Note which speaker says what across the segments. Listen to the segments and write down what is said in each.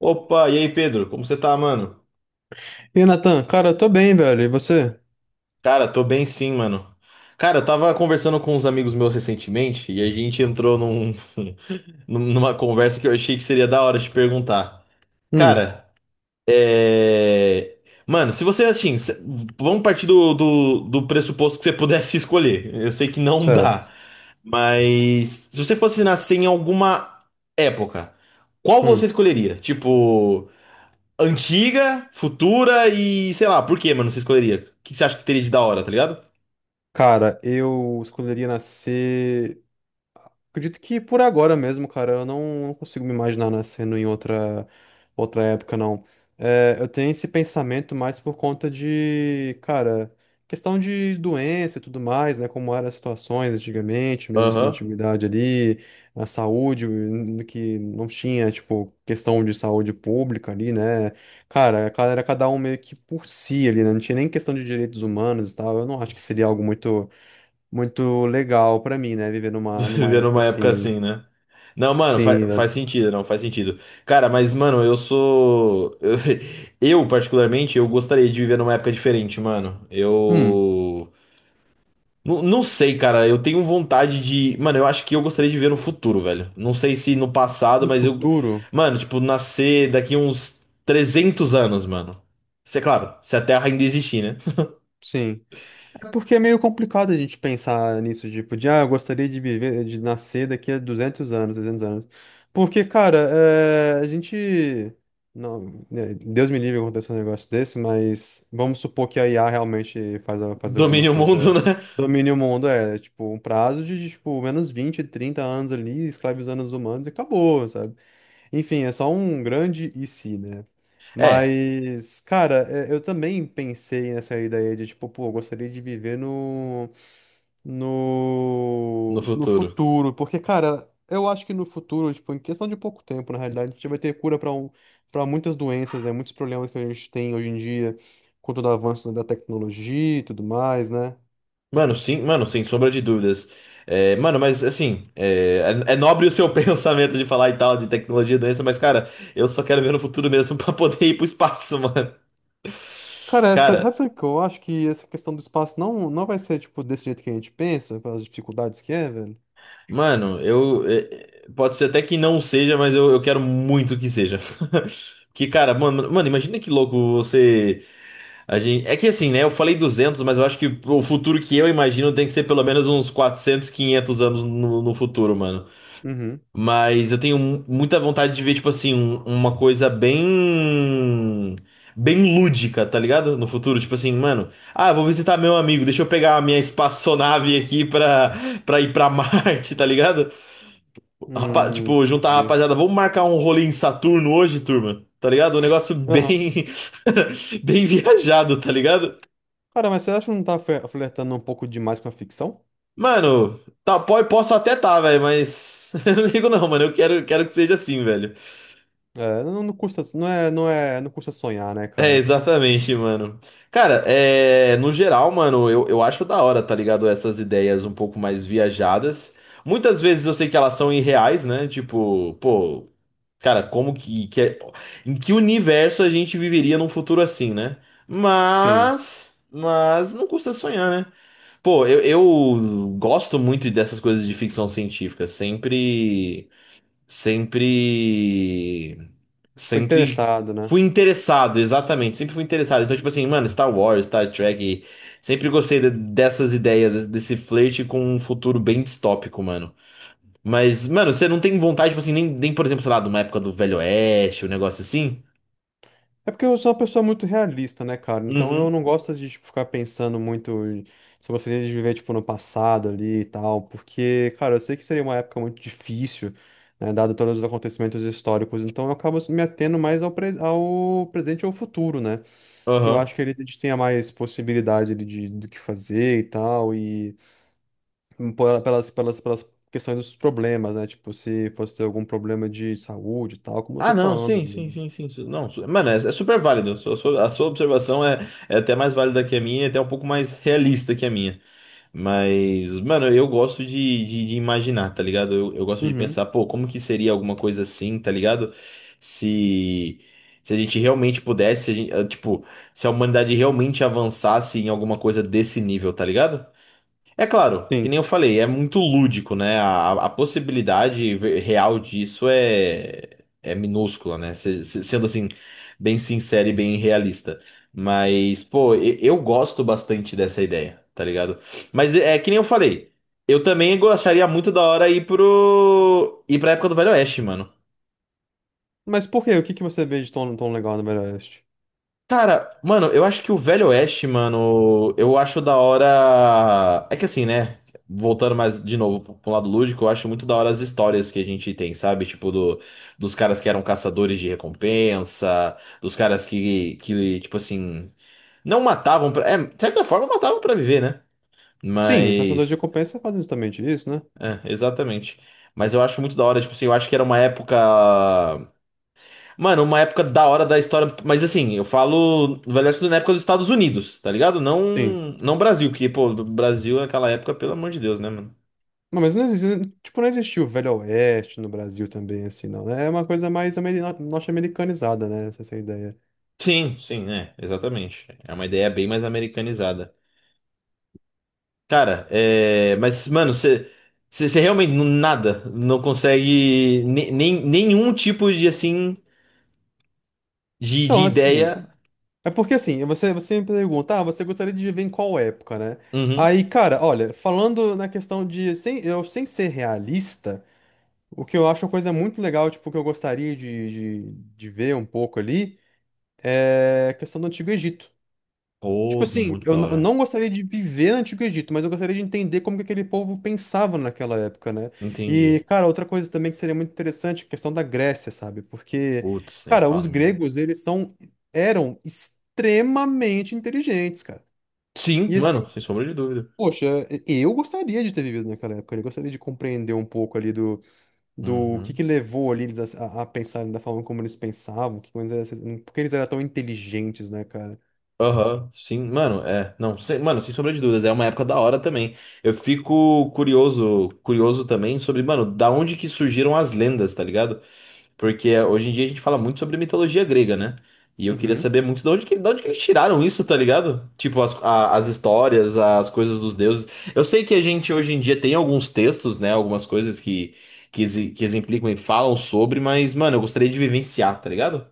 Speaker 1: Opa, e aí, Pedro? Como você tá, mano?
Speaker 2: E aí, Natan, cara, eu tô bem, velho. E você?
Speaker 1: Cara, tô bem sim, mano. Cara, eu tava conversando com uns amigos meus recentemente e a gente entrou numa conversa que eu achei que seria da hora de perguntar.
Speaker 2: Hum,
Speaker 1: Cara, é. Mano, se você, assim, vamos partir do pressuposto que você pudesse escolher. Eu sei que não dá,
Speaker 2: certo.
Speaker 1: mas se você fosse nascer em alguma época, qual você
Speaker 2: Hum.
Speaker 1: escolheria? Tipo. Antiga, futura e sei lá, por quê, mano? Você escolheria? O que você acha que teria de da hora, tá ligado?
Speaker 2: Cara, eu escolheria nascer. Acredito que por agora mesmo, cara, eu não, não consigo me imaginar nascendo em outra época, não. É, eu tenho esse pensamento mais por conta de, cara, questão de doença e tudo mais, né? Como eram as situações antigamente, mesmo assim na
Speaker 1: Aham.
Speaker 2: antiguidade ali, a saúde, que não tinha, tipo, questão de saúde pública ali, né? Cara, era cada um meio que por si ali, né? Não tinha nem questão de direitos humanos e tal. Eu não acho que seria algo muito muito legal pra mim, né? Viver numa
Speaker 1: Viver
Speaker 2: época
Speaker 1: numa época
Speaker 2: assim.
Speaker 1: assim, né? Não, mano,
Speaker 2: Sim,
Speaker 1: faz,
Speaker 2: velho.
Speaker 1: faz sentido, não, faz sentido. Cara, mas, mano, eu sou. Eu, particularmente, eu gostaria de viver numa época diferente, mano.
Speaker 2: Hum,
Speaker 1: Eu. Não, não sei, cara, eu tenho vontade de. Mano, eu acho que eu gostaria de viver no futuro, velho. Não sei se no passado,
Speaker 2: no
Speaker 1: mas eu.
Speaker 2: futuro,
Speaker 1: Mano, tipo, nascer daqui uns 300 anos, mano. Isso é claro, se a Terra ainda existir, né?
Speaker 2: sim. É porque é meio complicado a gente pensar nisso, tipo, de, ah, eu gostaria de viver, de nascer daqui a 200 anos, 300 anos. Porque, cara, é, a gente. Não, né, Deus me livre acontecer um negócio desse, mas vamos supor que a IA realmente faz, faz alguma
Speaker 1: Domine o mundo,
Speaker 2: coisa.
Speaker 1: né?
Speaker 2: Domine o mundo, é, tipo, um prazo de, tipo, menos 20 30 anos ali, escravizando os humanos e acabou, sabe? Enfim, é só um grande e se, né?
Speaker 1: É,
Speaker 2: Mas, cara, é, eu também pensei nessa ideia de, tipo, pô, eu gostaria de viver
Speaker 1: no
Speaker 2: no
Speaker 1: futuro.
Speaker 2: futuro. Porque, cara, eu acho que no futuro, tipo, em questão de pouco tempo, na realidade, a gente vai ter cura para muitas doenças, né? Muitos problemas que a gente tem hoje em dia, com todo o avanço da tecnologia e tudo mais, né?
Speaker 1: Mano, sim, mano, sem sombra de dúvidas. É, mano, mas assim, é nobre o seu pensamento de falar e tal, de tecnologia e doença, mas, cara, eu só quero ver no futuro mesmo pra poder ir pro espaço, mano.
Speaker 2: Cara, essa, sabe
Speaker 1: Cara,
Speaker 2: sabe o que eu acho? Que essa questão do espaço não, não vai ser, tipo, desse jeito que a gente pensa, pelas dificuldades que é, velho.
Speaker 1: mano, eu. Pode ser até que não seja, mas eu quero muito que seja. Que, cara, mano, mano, imagina que louco você. A gente... É que assim, né? Eu falei 200, mas eu acho que o futuro que eu imagino tem que ser pelo menos uns 400, 500 anos no futuro, mano.
Speaker 2: Uhum.
Speaker 1: Mas eu tenho muita vontade de ver, tipo assim, uma coisa bem. Bem lúdica, tá ligado? No futuro, tipo assim, mano. Ah, eu vou visitar meu amigo, deixa eu pegar a minha espaçonave aqui pra, ir pra Marte, tá ligado? Tipo, juntar a
Speaker 2: Entendi.
Speaker 1: rapaziada, vamos marcar um rolê em Saturno hoje, turma, tá ligado? Um negócio
Speaker 2: Aham.
Speaker 1: bem. bem viajado, tá ligado?
Speaker 2: Cara, mas você acha que não tá flertando um pouco demais com a ficção?
Speaker 1: Mano, tá, pode, posso até tá, velho, mas eu não ligo não, mano. Eu quero que seja assim, velho.
Speaker 2: É, não, não custa, não é, não custa sonhar, né,
Speaker 1: É,
Speaker 2: cara?
Speaker 1: exatamente, mano. Cara, é, no geral, mano, eu acho da hora, tá ligado? Essas ideias um pouco mais viajadas. Muitas vezes eu sei que elas são irreais, né? Tipo, pô, cara, como que, em que universo a gente viveria num futuro assim, né?
Speaker 2: Sim,
Speaker 1: Mas não custa sonhar, né? Pô, eu gosto muito dessas coisas de ficção científica. Sempre
Speaker 2: foi
Speaker 1: sempre
Speaker 2: interessado, né?
Speaker 1: fui interessado, exatamente, sempre fui interessado. Então, tipo assim, mano, Star Wars, Star Trek, sempre gostei dessas ideias, desse flerte com um futuro bem distópico, mano. Mas, mano, você não tem vontade, tipo assim, nem, por exemplo, sei lá, de uma época do Velho Oeste, um negócio assim?
Speaker 2: É porque eu sou uma pessoa muito realista, né, cara? Então eu
Speaker 1: Uhum.
Speaker 2: não gosto de, tipo, ficar pensando muito se eu gostaria de viver, tipo, no passado ali e tal, porque, cara, eu sei que seria uma época muito difícil, né, dado todos os acontecimentos históricos, então eu acabo me atendo mais ao presente e ao futuro, né? Que eu acho
Speaker 1: Aham.
Speaker 2: que ele tenha mais possibilidade ali de, do que fazer e tal, e pelas questões dos problemas, né? Tipo, se fosse ter algum problema de saúde e tal, como eu tô
Speaker 1: Ah, não,
Speaker 2: falando
Speaker 1: sim,
Speaker 2: ainda,
Speaker 1: sim,
Speaker 2: né?
Speaker 1: sim, sim. Não, mano, é super válido. A sua observação é até mais válida que a minha, é até um pouco mais realista que a minha. Mas, mano, eu gosto de imaginar, tá ligado? Eu gosto de
Speaker 2: Uhum,
Speaker 1: pensar, pô, como que seria alguma coisa assim, tá ligado? Se, se a gente realmente pudesse, se a gente- tipo, se a humanidade realmente avançasse em alguma coisa desse nível, tá ligado? É claro, que
Speaker 2: sim.
Speaker 1: nem eu falei, é muito lúdico, né? A possibilidade real disso é, minúscula, né? Sendo assim, bem sincero e bem realista. Mas, pô, eu gosto bastante dessa ideia, tá ligado? Mas é que nem eu falei, eu também gostaria muito da hora ir pro. Ir pra época do Velho Oeste, mano.
Speaker 2: Mas por quê? O que que você vê de tão, tão legal no Velho Oeste?
Speaker 1: Cara, mano, eu acho que o Velho Oeste, mano, eu acho da hora. É que assim, né? Voltando mais de novo pro lado lúdico, eu acho muito da hora as histórias que a gente tem, sabe? Tipo, dos caras que eram caçadores de recompensa, dos caras que tipo assim, não matavam pra. É, de certa forma matavam pra viver, né?
Speaker 2: Sim, Caçadores de
Speaker 1: Mas.
Speaker 2: Recompensa fazem justamente isso, né?
Speaker 1: É, exatamente. Mas eu acho muito da hora, tipo assim, eu acho que era uma época. Mano, uma época da hora da história, mas assim, eu falo Velho Oeste na época dos Estados Unidos, tá ligado? Não,
Speaker 2: Sim.
Speaker 1: não Brasil, que, pô, do Brasil naquela época, pelo amor de Deus, né, mano?
Speaker 2: Não, mas não existe, tipo, não existiu o Velho Oeste no Brasil também, assim, não, né? É uma coisa mais norte-americanizada, né? Essa ideia.
Speaker 1: Sim, sim, é, exatamente. É uma ideia bem mais americanizada. Cara, é, mas, mano, você realmente nada, não consegue nem, nenhum tipo de, assim, de
Speaker 2: Então, assim,
Speaker 1: ideia.
Speaker 2: é porque assim, você me pergunta, ah, você gostaria de viver em qual época, né?
Speaker 1: Uhum.
Speaker 2: Aí, cara, olha, falando na questão de, sem, eu, sem ser realista, o que eu acho uma coisa muito legal, tipo, que eu gostaria de ver um pouco ali, é a questão do Antigo Egito. Tipo
Speaker 1: Oh,
Speaker 2: assim,
Speaker 1: muito da
Speaker 2: eu
Speaker 1: hora.
Speaker 2: não gostaria de viver no Antigo Egito, mas eu gostaria de entender como que aquele povo pensava naquela época, né? E,
Speaker 1: Entendi.
Speaker 2: cara, outra coisa também que seria muito interessante é a questão da Grécia, sabe? Porque,
Speaker 1: Putz, nem
Speaker 2: cara, os
Speaker 1: fale, mano.
Speaker 2: gregos, eles são, eram extremamente inteligentes, cara.
Speaker 1: Sim,
Speaker 2: E assim,
Speaker 1: mano, sem sombra de dúvida.
Speaker 2: poxa, eu gostaria de ter vivido naquela época, eu gostaria de compreender um pouco ali do
Speaker 1: Uhum.
Speaker 2: que levou ali eles a pensarem da forma como eles pensavam, porque eles eram tão inteligentes, né, cara?
Speaker 1: Aham, sim, mano, é, não, sem, mano, sem sombra de dúvidas, é uma época da hora também. Eu fico curioso, curioso também sobre, mano, da onde que surgiram as lendas, tá ligado? Porque é, hoje em dia a gente fala muito sobre mitologia grega, né? E eu queria
Speaker 2: Uhum.
Speaker 1: saber muito de onde que eles tiraram isso, tá ligado? Tipo, as histórias, as coisas dos deuses. Eu sei que a gente hoje em dia tem alguns textos, né? Algumas coisas que exemplificam e falam sobre, mas, mano, eu gostaria de vivenciar, tá ligado?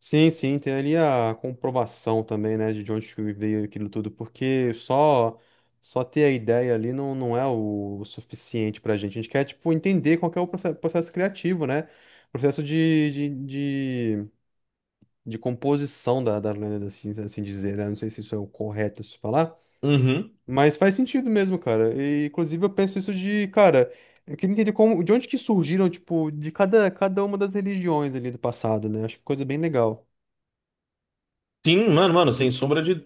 Speaker 2: Sim, sim, tem ali a comprovação também, né, de onde que veio aquilo tudo, porque só ter a ideia ali não, não é o suficiente pra gente. A gente quer, tipo, entender qual que é o processo criativo, né? Processo de composição da lenda, assim, assim dizer, né? Não sei se isso é o correto se falar,
Speaker 1: Uhum.
Speaker 2: mas faz sentido mesmo, cara. E, inclusive, eu penso isso de, cara, eu queria entender como, de onde que surgiram, tipo, de cada uma das religiões ali do passado, né? Acho que coisa bem legal.
Speaker 1: Sim, mano, mano,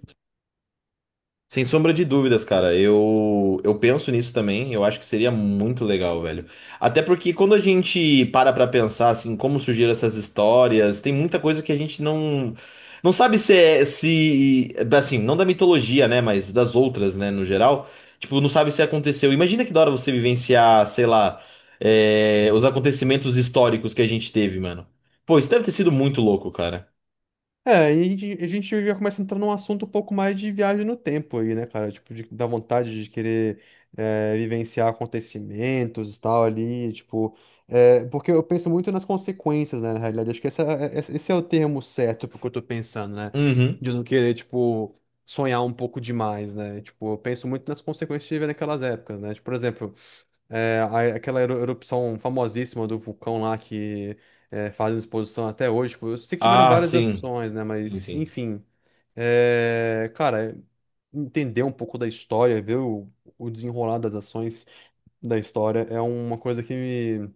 Speaker 1: sem sombra de dúvidas, cara. Eu penso nisso também. Eu acho que seria muito legal, velho. Até porque quando a gente para pra pensar, assim, como surgiram essas histórias, tem muita coisa que a gente não. Não sabe se é. Se, assim, não da mitologia, né? Mas das outras, né? No geral. Tipo, não sabe se aconteceu. Imagina que da hora você vivenciar, sei lá, os acontecimentos históricos que a gente teve, mano. Pô, isso deve ter sido muito louco, cara.
Speaker 2: É, aí a gente já começa a entrar num assunto um pouco mais de viagem no tempo aí, né, cara? Tipo, de, da vontade de querer vivenciar acontecimentos e tal ali, tipo. Porque eu penso muito nas consequências, né, na realidade. Acho que esse é o termo certo pro que eu tô pensando, né?
Speaker 1: Uhum.
Speaker 2: De eu não querer, tipo, sonhar um pouco demais, né? Tipo, eu penso muito nas consequências de viver naquelas épocas, né? Tipo, por exemplo. É, aquela erupção famosíssima do vulcão lá fazem exposição até hoje. Tipo, eu sei que tiveram
Speaker 1: Ah,
Speaker 2: várias
Speaker 1: sim.
Speaker 2: opções, né?
Speaker 1: Sim,
Speaker 2: Mas,
Speaker 1: sim.
Speaker 2: enfim. É, cara, entender um pouco da história, ver o desenrolar das ações da história é uma coisa que me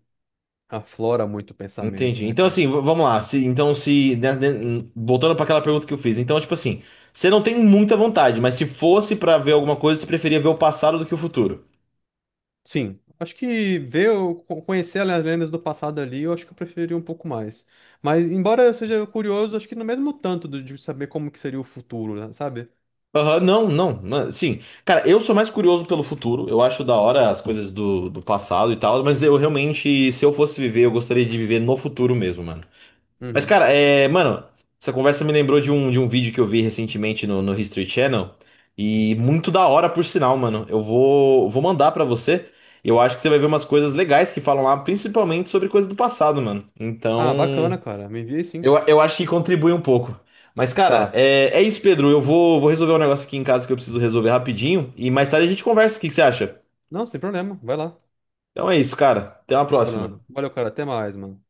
Speaker 2: aflora muito o pensamento,
Speaker 1: Entendi.
Speaker 2: né,
Speaker 1: Então,
Speaker 2: cara?
Speaker 1: assim, vamos lá. Se, então, se. Né, né, voltando para aquela pergunta que eu fiz. Então, tipo assim, você não tem muita vontade, mas se fosse para ver alguma coisa, você preferia ver o passado do que o futuro.
Speaker 2: Sim, acho que ver, conhecer as lendas do passado ali, eu acho que eu preferiria um pouco mais. Mas, embora eu seja curioso, acho que no mesmo tanto de saber como que seria o futuro, né, sabe?
Speaker 1: Aham, não, não, não. Sim. Cara, eu sou mais curioso pelo futuro. Eu acho da hora as coisas do passado e tal, mas eu realmente, se eu fosse viver, eu gostaria de viver no futuro mesmo, mano. Mas,
Speaker 2: Uhum.
Speaker 1: cara, mano, essa conversa me lembrou de um vídeo que eu vi recentemente no History Channel. E muito da hora, por sinal, mano. Eu vou mandar pra você. Eu acho que você vai ver umas coisas legais que falam lá, principalmente sobre coisas do passado, mano.
Speaker 2: Ah,
Speaker 1: Então,
Speaker 2: bacana, cara. Me envia aí
Speaker 1: eu,
Speaker 2: sim.
Speaker 1: eu acho que contribui um pouco. Mas, cara,
Speaker 2: Tá.
Speaker 1: é isso, Pedro. Eu vou resolver um negócio aqui em casa que eu preciso resolver rapidinho. E mais tarde a gente conversa. O que que você acha?
Speaker 2: Não, sem problema. Vai lá,
Speaker 1: Então é isso, cara. Até uma próxima.
Speaker 2: Bruno. Valeu, cara. Até mais, mano.